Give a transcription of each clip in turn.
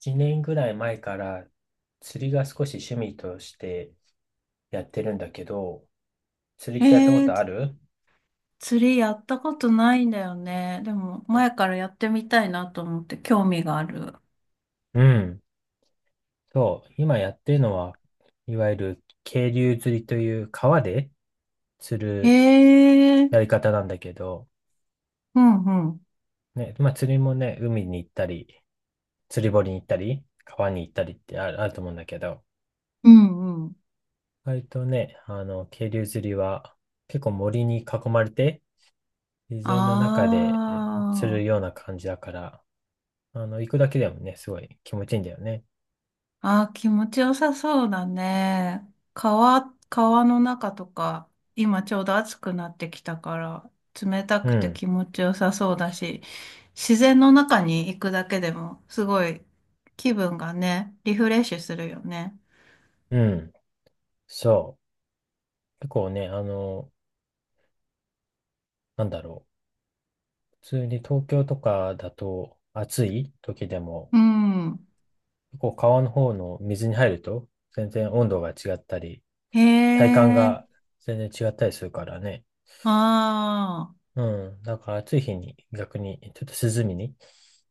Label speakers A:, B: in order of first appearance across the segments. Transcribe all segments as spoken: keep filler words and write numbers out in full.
A: いちねんぐらい前から釣りが少し趣味としてやってるんだけど、釣りっ
B: え
A: てやったこ
B: ー、
A: とある？
B: 釣りやったことないんだよね。でも、前からやってみたいなと思って興味がある。
A: うん。そう。今やってるのは、いわゆる渓流釣りという川で釣
B: え
A: る
B: ー、
A: やり方なんだけど、
B: うんうん。
A: ね、まあ釣りもね、海に行ったり、釣り堀に行ったり、川に行ったりってある、あると思うんだけど、
B: うんうん。
A: 割とね、あの、渓流釣りは結構森に囲まれて、自
B: あ
A: 然の中でえ釣る
B: ー、
A: ような感じだから、あの、行くだけでもね、すごい気持ちいいんだよね。
B: あー、気持ちよさそうだね。川、川の中とか、今ちょうど暑くなってきたから、冷た
A: う
B: くて
A: ん、
B: 気持ちよさそうだし、自然の中に行くだけでも、すごい気分がね、リフレッシュするよね。
A: うん、そう。結構ね、あの、なんだろう。普通に東京とかだと暑い時でも、
B: うん。
A: 結構川の方の水に入ると、全然温度が違ったり、
B: へ
A: 体感
B: え、
A: が全然違ったりするからね。
B: ああ、
A: うん、だから暑い日に逆にちょっと涼みに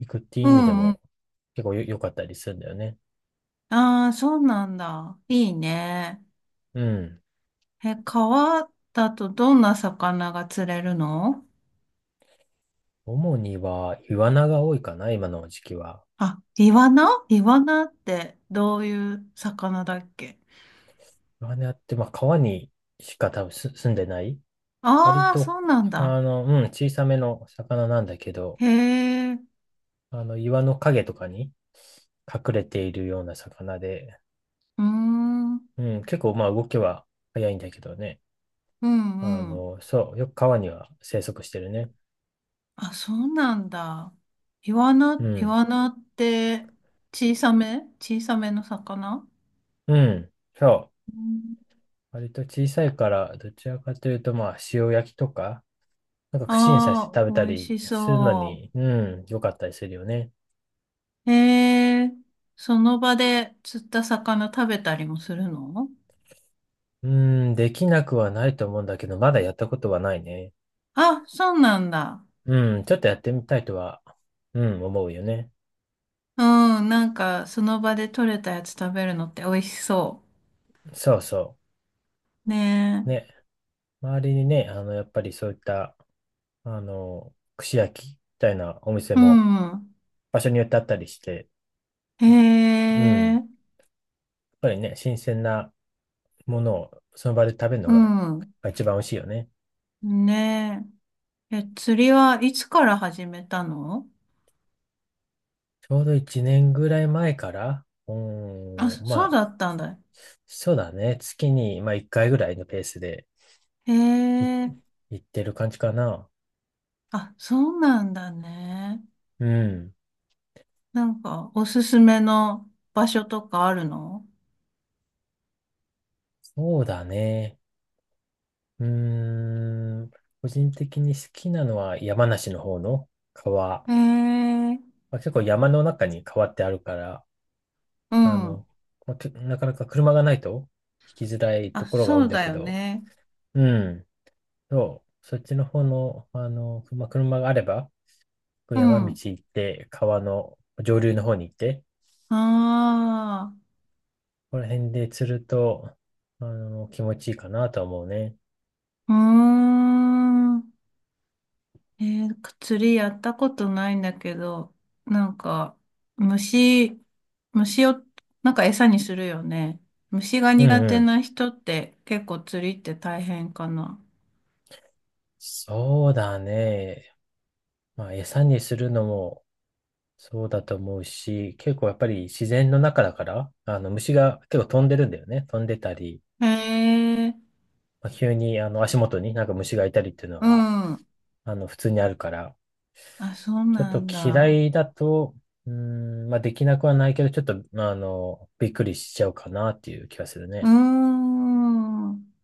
A: 行くっていう
B: う
A: 意味で
B: んうん。
A: も結構よ良かったりするんだよね。
B: ああ、そうなんだ。いいね。
A: うん。
B: え、川だとどんな魚が釣れるの？
A: 主にはイワナが多いかな、今の時期は。
B: あ、イワナイワナってどういう魚だっけ？
A: マナって、まあ、川にしか多分す住んでない。割
B: ああー、
A: と、
B: そうなんだ。
A: あの、うん、小さめの魚なんだけど、
B: へえ、う
A: あの、岩の影とかに隠れているような魚で、
B: ーん、う
A: うん、結構、まあ、動きは早いんだけどね。
B: ん
A: あ
B: うん。
A: の、そう、よく川には生息してるね。
B: あ、そうなんだ。イワ
A: う
B: ナ、イ
A: ん、
B: ワナって小さめ小さめの魚？
A: うん、そう。
B: うん。
A: 割と小さいから、どちらかというと、まあ、塩焼きとか、なんか串に刺して
B: ああ、
A: 食べた
B: 美味
A: り
B: し
A: するの
B: そう。
A: に、うん、良かったりするよね。
B: へえ、その場で釣った魚食べたりもするの？
A: うーん、できなくはないと思うんだけど、まだやったことはないね。
B: あ、そうなんだ。
A: うん、ちょっとやってみたいとは、うん、思うよね。
B: うん、なんかその場で取れたやつ食べるのって美味しそ
A: そうそ
B: う。
A: う。
B: ね
A: ね、周りにね、あの、やっぱりそういった、あの、串焼きみたいなお店
B: え。う
A: も
B: ん。
A: 場所によってあったりして、
B: へ
A: うん、やっ
B: え、
A: ぱりね、新鮮なものをその場で食べるの
B: う
A: が
B: ん。
A: まあ一番美味しいよね。
B: ねえ。え、釣りはいつから始めたの？
A: ちょうどいちねんぐらい前から、う
B: あ、
A: ーん、ま
B: そう
A: あ、
B: だったんだ。
A: そうだね、月に、まあ、いっかいぐらいのペースで、
B: へ
A: い、
B: え、
A: 言ってる感じかな。
B: あ、そうなんだね。
A: うん。
B: なんかおすすめの場所とかあるの？
A: そうだね。うーん。個人的に好きなのは山梨の方の川。
B: へえ、
A: まあ、結構山の中に川ってあるから、
B: う
A: あ
B: ん。
A: の、まあけなかなか車がないと行きづらいと
B: あ、
A: ころが多
B: そ
A: いん
B: う
A: だ
B: だ
A: け
B: よ
A: ど、
B: ね。
A: うん。そう。そっちの方の、あの、まあ、車があれば、こう
B: う
A: 山道
B: ん。
A: 行って、川の上流の方に行って、
B: ああ、
A: ここら辺で釣ると、あの、気持ちいいかなとは思うね。
B: うーん。えー釣りやったことないんだけど、なんか、虫、虫を、なんか餌にするよね。虫が
A: うん
B: 苦
A: う
B: 手
A: ん。
B: な人って結構釣りって大変かな？
A: そうだね。まあ、餌にするのもそうだと思うし、結構やっぱり自然の中だから、あの虫が結構飛んでるんだよね。飛んでたり、
B: へえ、
A: まあ、急にあの足元になんか虫がいたりっていうの
B: う
A: は、
B: ん。
A: あの普通にあるから、
B: あ、そう
A: ちょっ
B: な
A: と
B: ん
A: 嫌
B: だ。
A: いだと、うーん、まあできなくはないけど、ちょっと、まあ、あの、びっくりしちゃうかなっていう気がする
B: うー
A: ね。
B: ん。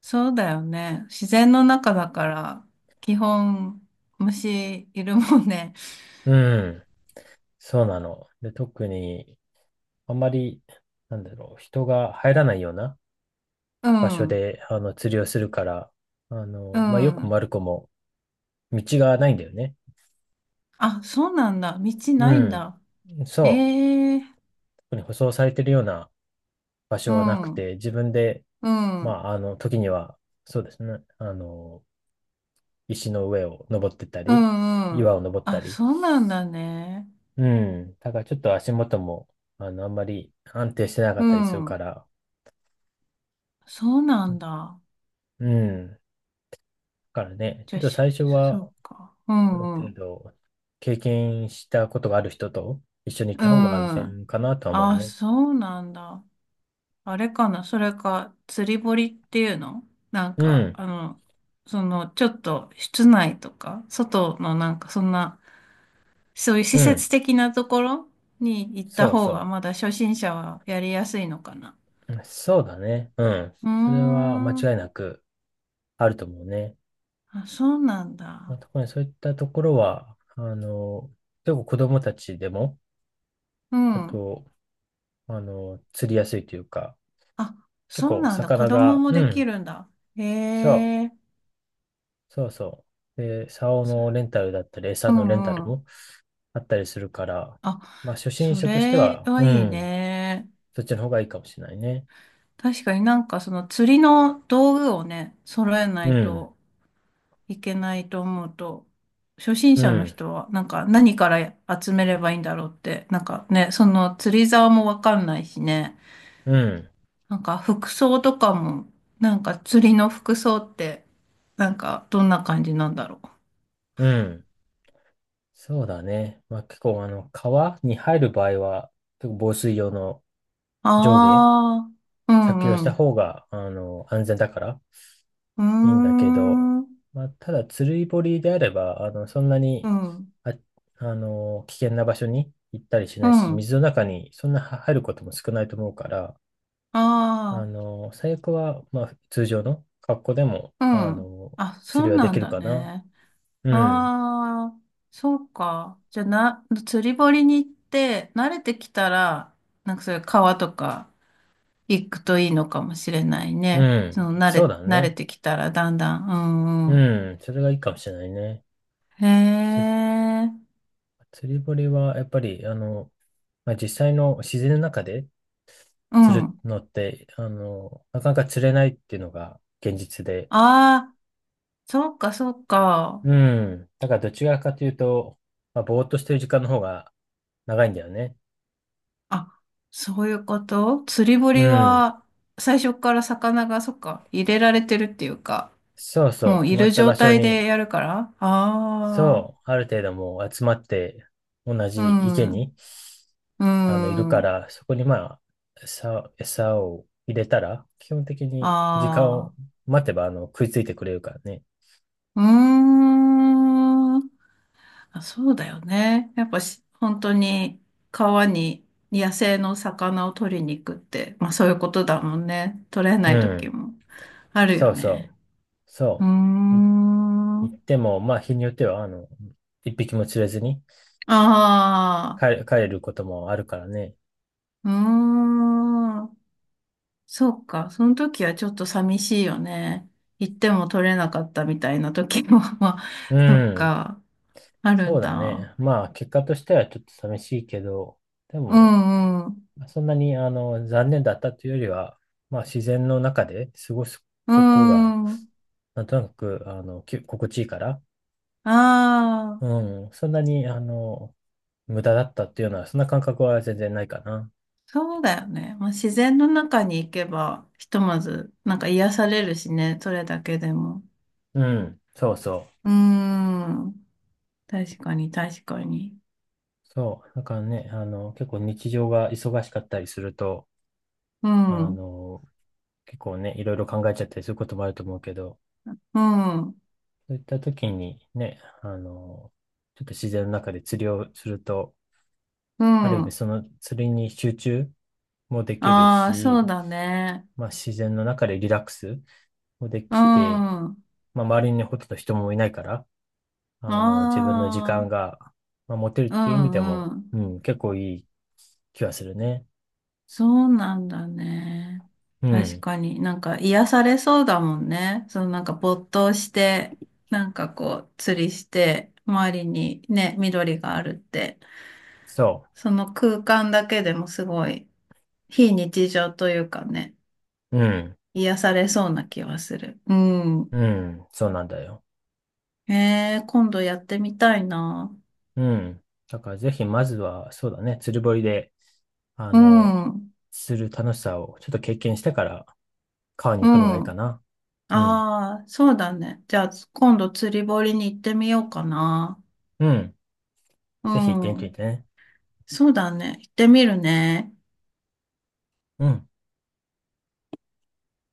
B: そうだよね。自然の中だから、基本、虫いるもんね。
A: うん、そうなの。で、特に、あんまり、なんだろう、人が入らないような
B: う
A: 場所
B: ん、う
A: で、あの、釣りをするから、あの、まあ、よく
B: ん。
A: マルコも道がないんだよね。
B: あ、そうなんだ。道
A: う
B: ないんだ。
A: ん。そう。
B: ええ、
A: 特に舗装されてるような場
B: う
A: 所はなく
B: ん、う
A: て、自分で、
B: ん、う
A: ま
B: ん、
A: あ、あの、時には、そうですね。あの、石の上を登ってった
B: う
A: り、岩
B: ん。
A: を登った
B: あ、
A: り。
B: そうなんだね。
A: うん。だからちょっと足元も、あの、あんまり安定してなか
B: う
A: ったりするか
B: ん、
A: ら、
B: そうなんだ。
A: うん。だからね、
B: じ
A: ちょ
B: ゃ
A: っ
B: あ、
A: と
B: し
A: 最初
B: そ
A: は、
B: うか。う
A: ある
B: ん、う
A: 程
B: ん、
A: 度、経験したことがある人と一緒に行っ
B: う
A: た方が安全
B: ん。
A: かなとは思う
B: あ、
A: ね。
B: そうなんだ。あれかな、それか、釣り堀っていうの？なん
A: う
B: か、
A: ん、
B: あの、その、ちょっと、室内とか、外のなんか、そんな、そういう施
A: うん、
B: 設的なところに行った
A: そう
B: 方が
A: そ
B: まだ初心者はやりやすいのかな？
A: う。そうだね。うん。
B: うー
A: それは間違
B: ん。
A: いなくあると思うね。
B: あ、そうなん
A: まあ、
B: だ。
A: 特にそういったところは、あの、結構子供たちでも、
B: う
A: あ
B: ん。
A: と、あの、釣りやすいというか、
B: あ、
A: 結
B: そう
A: 構
B: なんだ。子
A: 魚
B: 供
A: が、
B: も
A: う
B: でき
A: ん、
B: るんだ。へ
A: そう、
B: え。
A: そうそう。で、竿のレ
B: そ
A: ンタルだったり、
B: う
A: 餌のレンタ
B: ん
A: ル
B: うん。
A: もあったりするから、
B: あ、
A: まあ、初心
B: そ
A: 者として
B: れ
A: は、
B: は
A: う
B: いい
A: ん。
B: ね。
A: そっちの方がいいかもしれないね。
B: 確かになんかその釣りの道具をね、揃えな
A: う
B: い
A: ん、
B: といけないと思うと、初心
A: う
B: 者の
A: ん、
B: 人は、なんか何から集めればいいんだろうって、なんかね、その釣り竿もわかんないしね、
A: うん、
B: なんか服装とかも、なんか釣りの服装って、なんかどんな感じなんだろう。
A: うん。そうだね。まあ、結構、あの、川に入る場合は、結構防水用の上下
B: ああ、う
A: 着用し
B: ん
A: た
B: う
A: 方が、あの、安全だからいいんだけど、
B: ん。うーん、
A: まあ、ただ、釣り堀であれば、あの、そんな
B: う
A: に、
B: ん、
A: あ、あの、危険な場所に行ったりし
B: う
A: ないし、
B: ん。
A: 水の中にそんな入ることも少ないと思うから、
B: あ
A: あの、最悪は、まあ、通常の格好でも、
B: あ、
A: あ
B: うん。
A: の、
B: あ、
A: 釣
B: そ
A: り
B: う
A: はで
B: な
A: き
B: ん
A: る
B: だ
A: かな。
B: ね。
A: うん。
B: ああ、そうか。じゃあな、釣り堀に行って、慣れてきたら、なんかそういう川とか行くといいのかもしれない
A: う
B: ね。そ
A: ん。
B: の慣
A: そう
B: れ、
A: だ
B: 慣れ
A: ね。
B: てきたらだんだん。うんう
A: うん。それがいいかもしれないね。
B: ん。へ
A: つ
B: え、
A: 釣り堀は、やっぱり、あの、まあ、実際の自然の中で
B: う
A: 釣る
B: ん。
A: のって、あの、なかなか釣れないっていうのが現実で。
B: ああ、そうかそうか。
A: うん。だからどちらかというと、まあ、ぼーっとしてる時間の方が長いんだよね。
B: あ、そういうこと釣り
A: う
B: 堀
A: ん。
B: は、最初から魚が、そっか、入れられてるっていうか、
A: そうそ
B: も
A: う。
B: う
A: 決
B: い
A: ま
B: る
A: った
B: 状
A: 場所
B: 態で
A: に、
B: やるから。ああ。
A: そう、ある程度もう集まって、同
B: う
A: じ池
B: ん。
A: に
B: うー
A: あの、いるか
B: ん。
A: ら、そこにまあ、餌、餌を入れたら、基本的に時間
B: あ
A: を
B: あ。
A: 待てば、あの、食いついてくれるからね。
B: うーん。あ、そうだよね。やっぱし、本当に川に野生の魚を取りに行くって、まあそういうことだもんね。取れな
A: う
B: い時
A: ん。
B: もあるよ
A: そうそ
B: ね。
A: う。
B: うー
A: そう。い、
B: ん。あ
A: 行っても、まあ、日によっては、あの、一匹も釣れずに帰
B: あ。
A: れ、帰れることもあるからね。
B: うーん。そうか。その時はちょっと寂しいよね。行っても取れなかったみたいな時も、まあ、
A: う
B: そっ
A: ん。
B: か。ある
A: そ
B: ん
A: うだ
B: だ。
A: ね。まあ、結果としてはちょっと寂しいけど、で
B: う
A: も、
B: んうん。
A: そんなに、あの、残念だったというよりは、まあ、自然の中で過ごす
B: うー
A: ことが、
B: ん。
A: なんとなく、あの、き心地いいから、
B: ああ、
A: うん。そんなに、あの、無駄だったっていうのは、そんな感覚は全然ないかな。
B: そうだよね。まあ、自然の中に行けば、ひとまず、なんか癒されるしね、それだけでも。
A: うん。そうそ
B: うーん。確かに、確かに。
A: う。そう。だからね、あの、結構日常が忙しかったりすると、
B: う
A: あ
B: ん、う
A: の、結構ね、いろいろ考えちゃったりすることもあると思うけど、
B: ん、
A: そういった時にね、あの、ちょっと自然の中で釣りをすると、
B: う
A: ある意味
B: ん。
A: その釣りに集中もできる
B: ああ、そう
A: し、
B: だね。
A: まあ自然の中でリラックスもで
B: うん。
A: きて、
B: あ
A: まあ周りにほとんど人もいないから、あの、自分の時
B: あ、
A: 間が、まあ、持てるっ
B: う
A: ていう意味で
B: ん、
A: も、
B: うん。
A: うん、結構いい気がするね。
B: そうなんだね。
A: う
B: 確
A: ん、
B: かになんか癒されそうだもんね。そのなんか没頭して、なんかこう釣りして、周りにね、緑があるって、
A: そ
B: その空間だけでもすごい非日常というかね、
A: う。うん、
B: 癒されそうな気はする。うん。
A: うん、そうなんだよ。
B: えー、今度やってみたいな。
A: うん。だからぜひまずは、そうだね、釣り堀で、あ
B: う
A: の、
B: ん。
A: する楽しさをちょっと経験してから、川に
B: う
A: 行くのがいいか
B: ん。
A: な。うん、
B: ああ、そうだね。じゃあ今度釣り堀に行ってみようかな。
A: うん。
B: う
A: ぜひ行ってみ
B: ん。
A: てね。
B: そうだね。行ってみるね。
A: うん。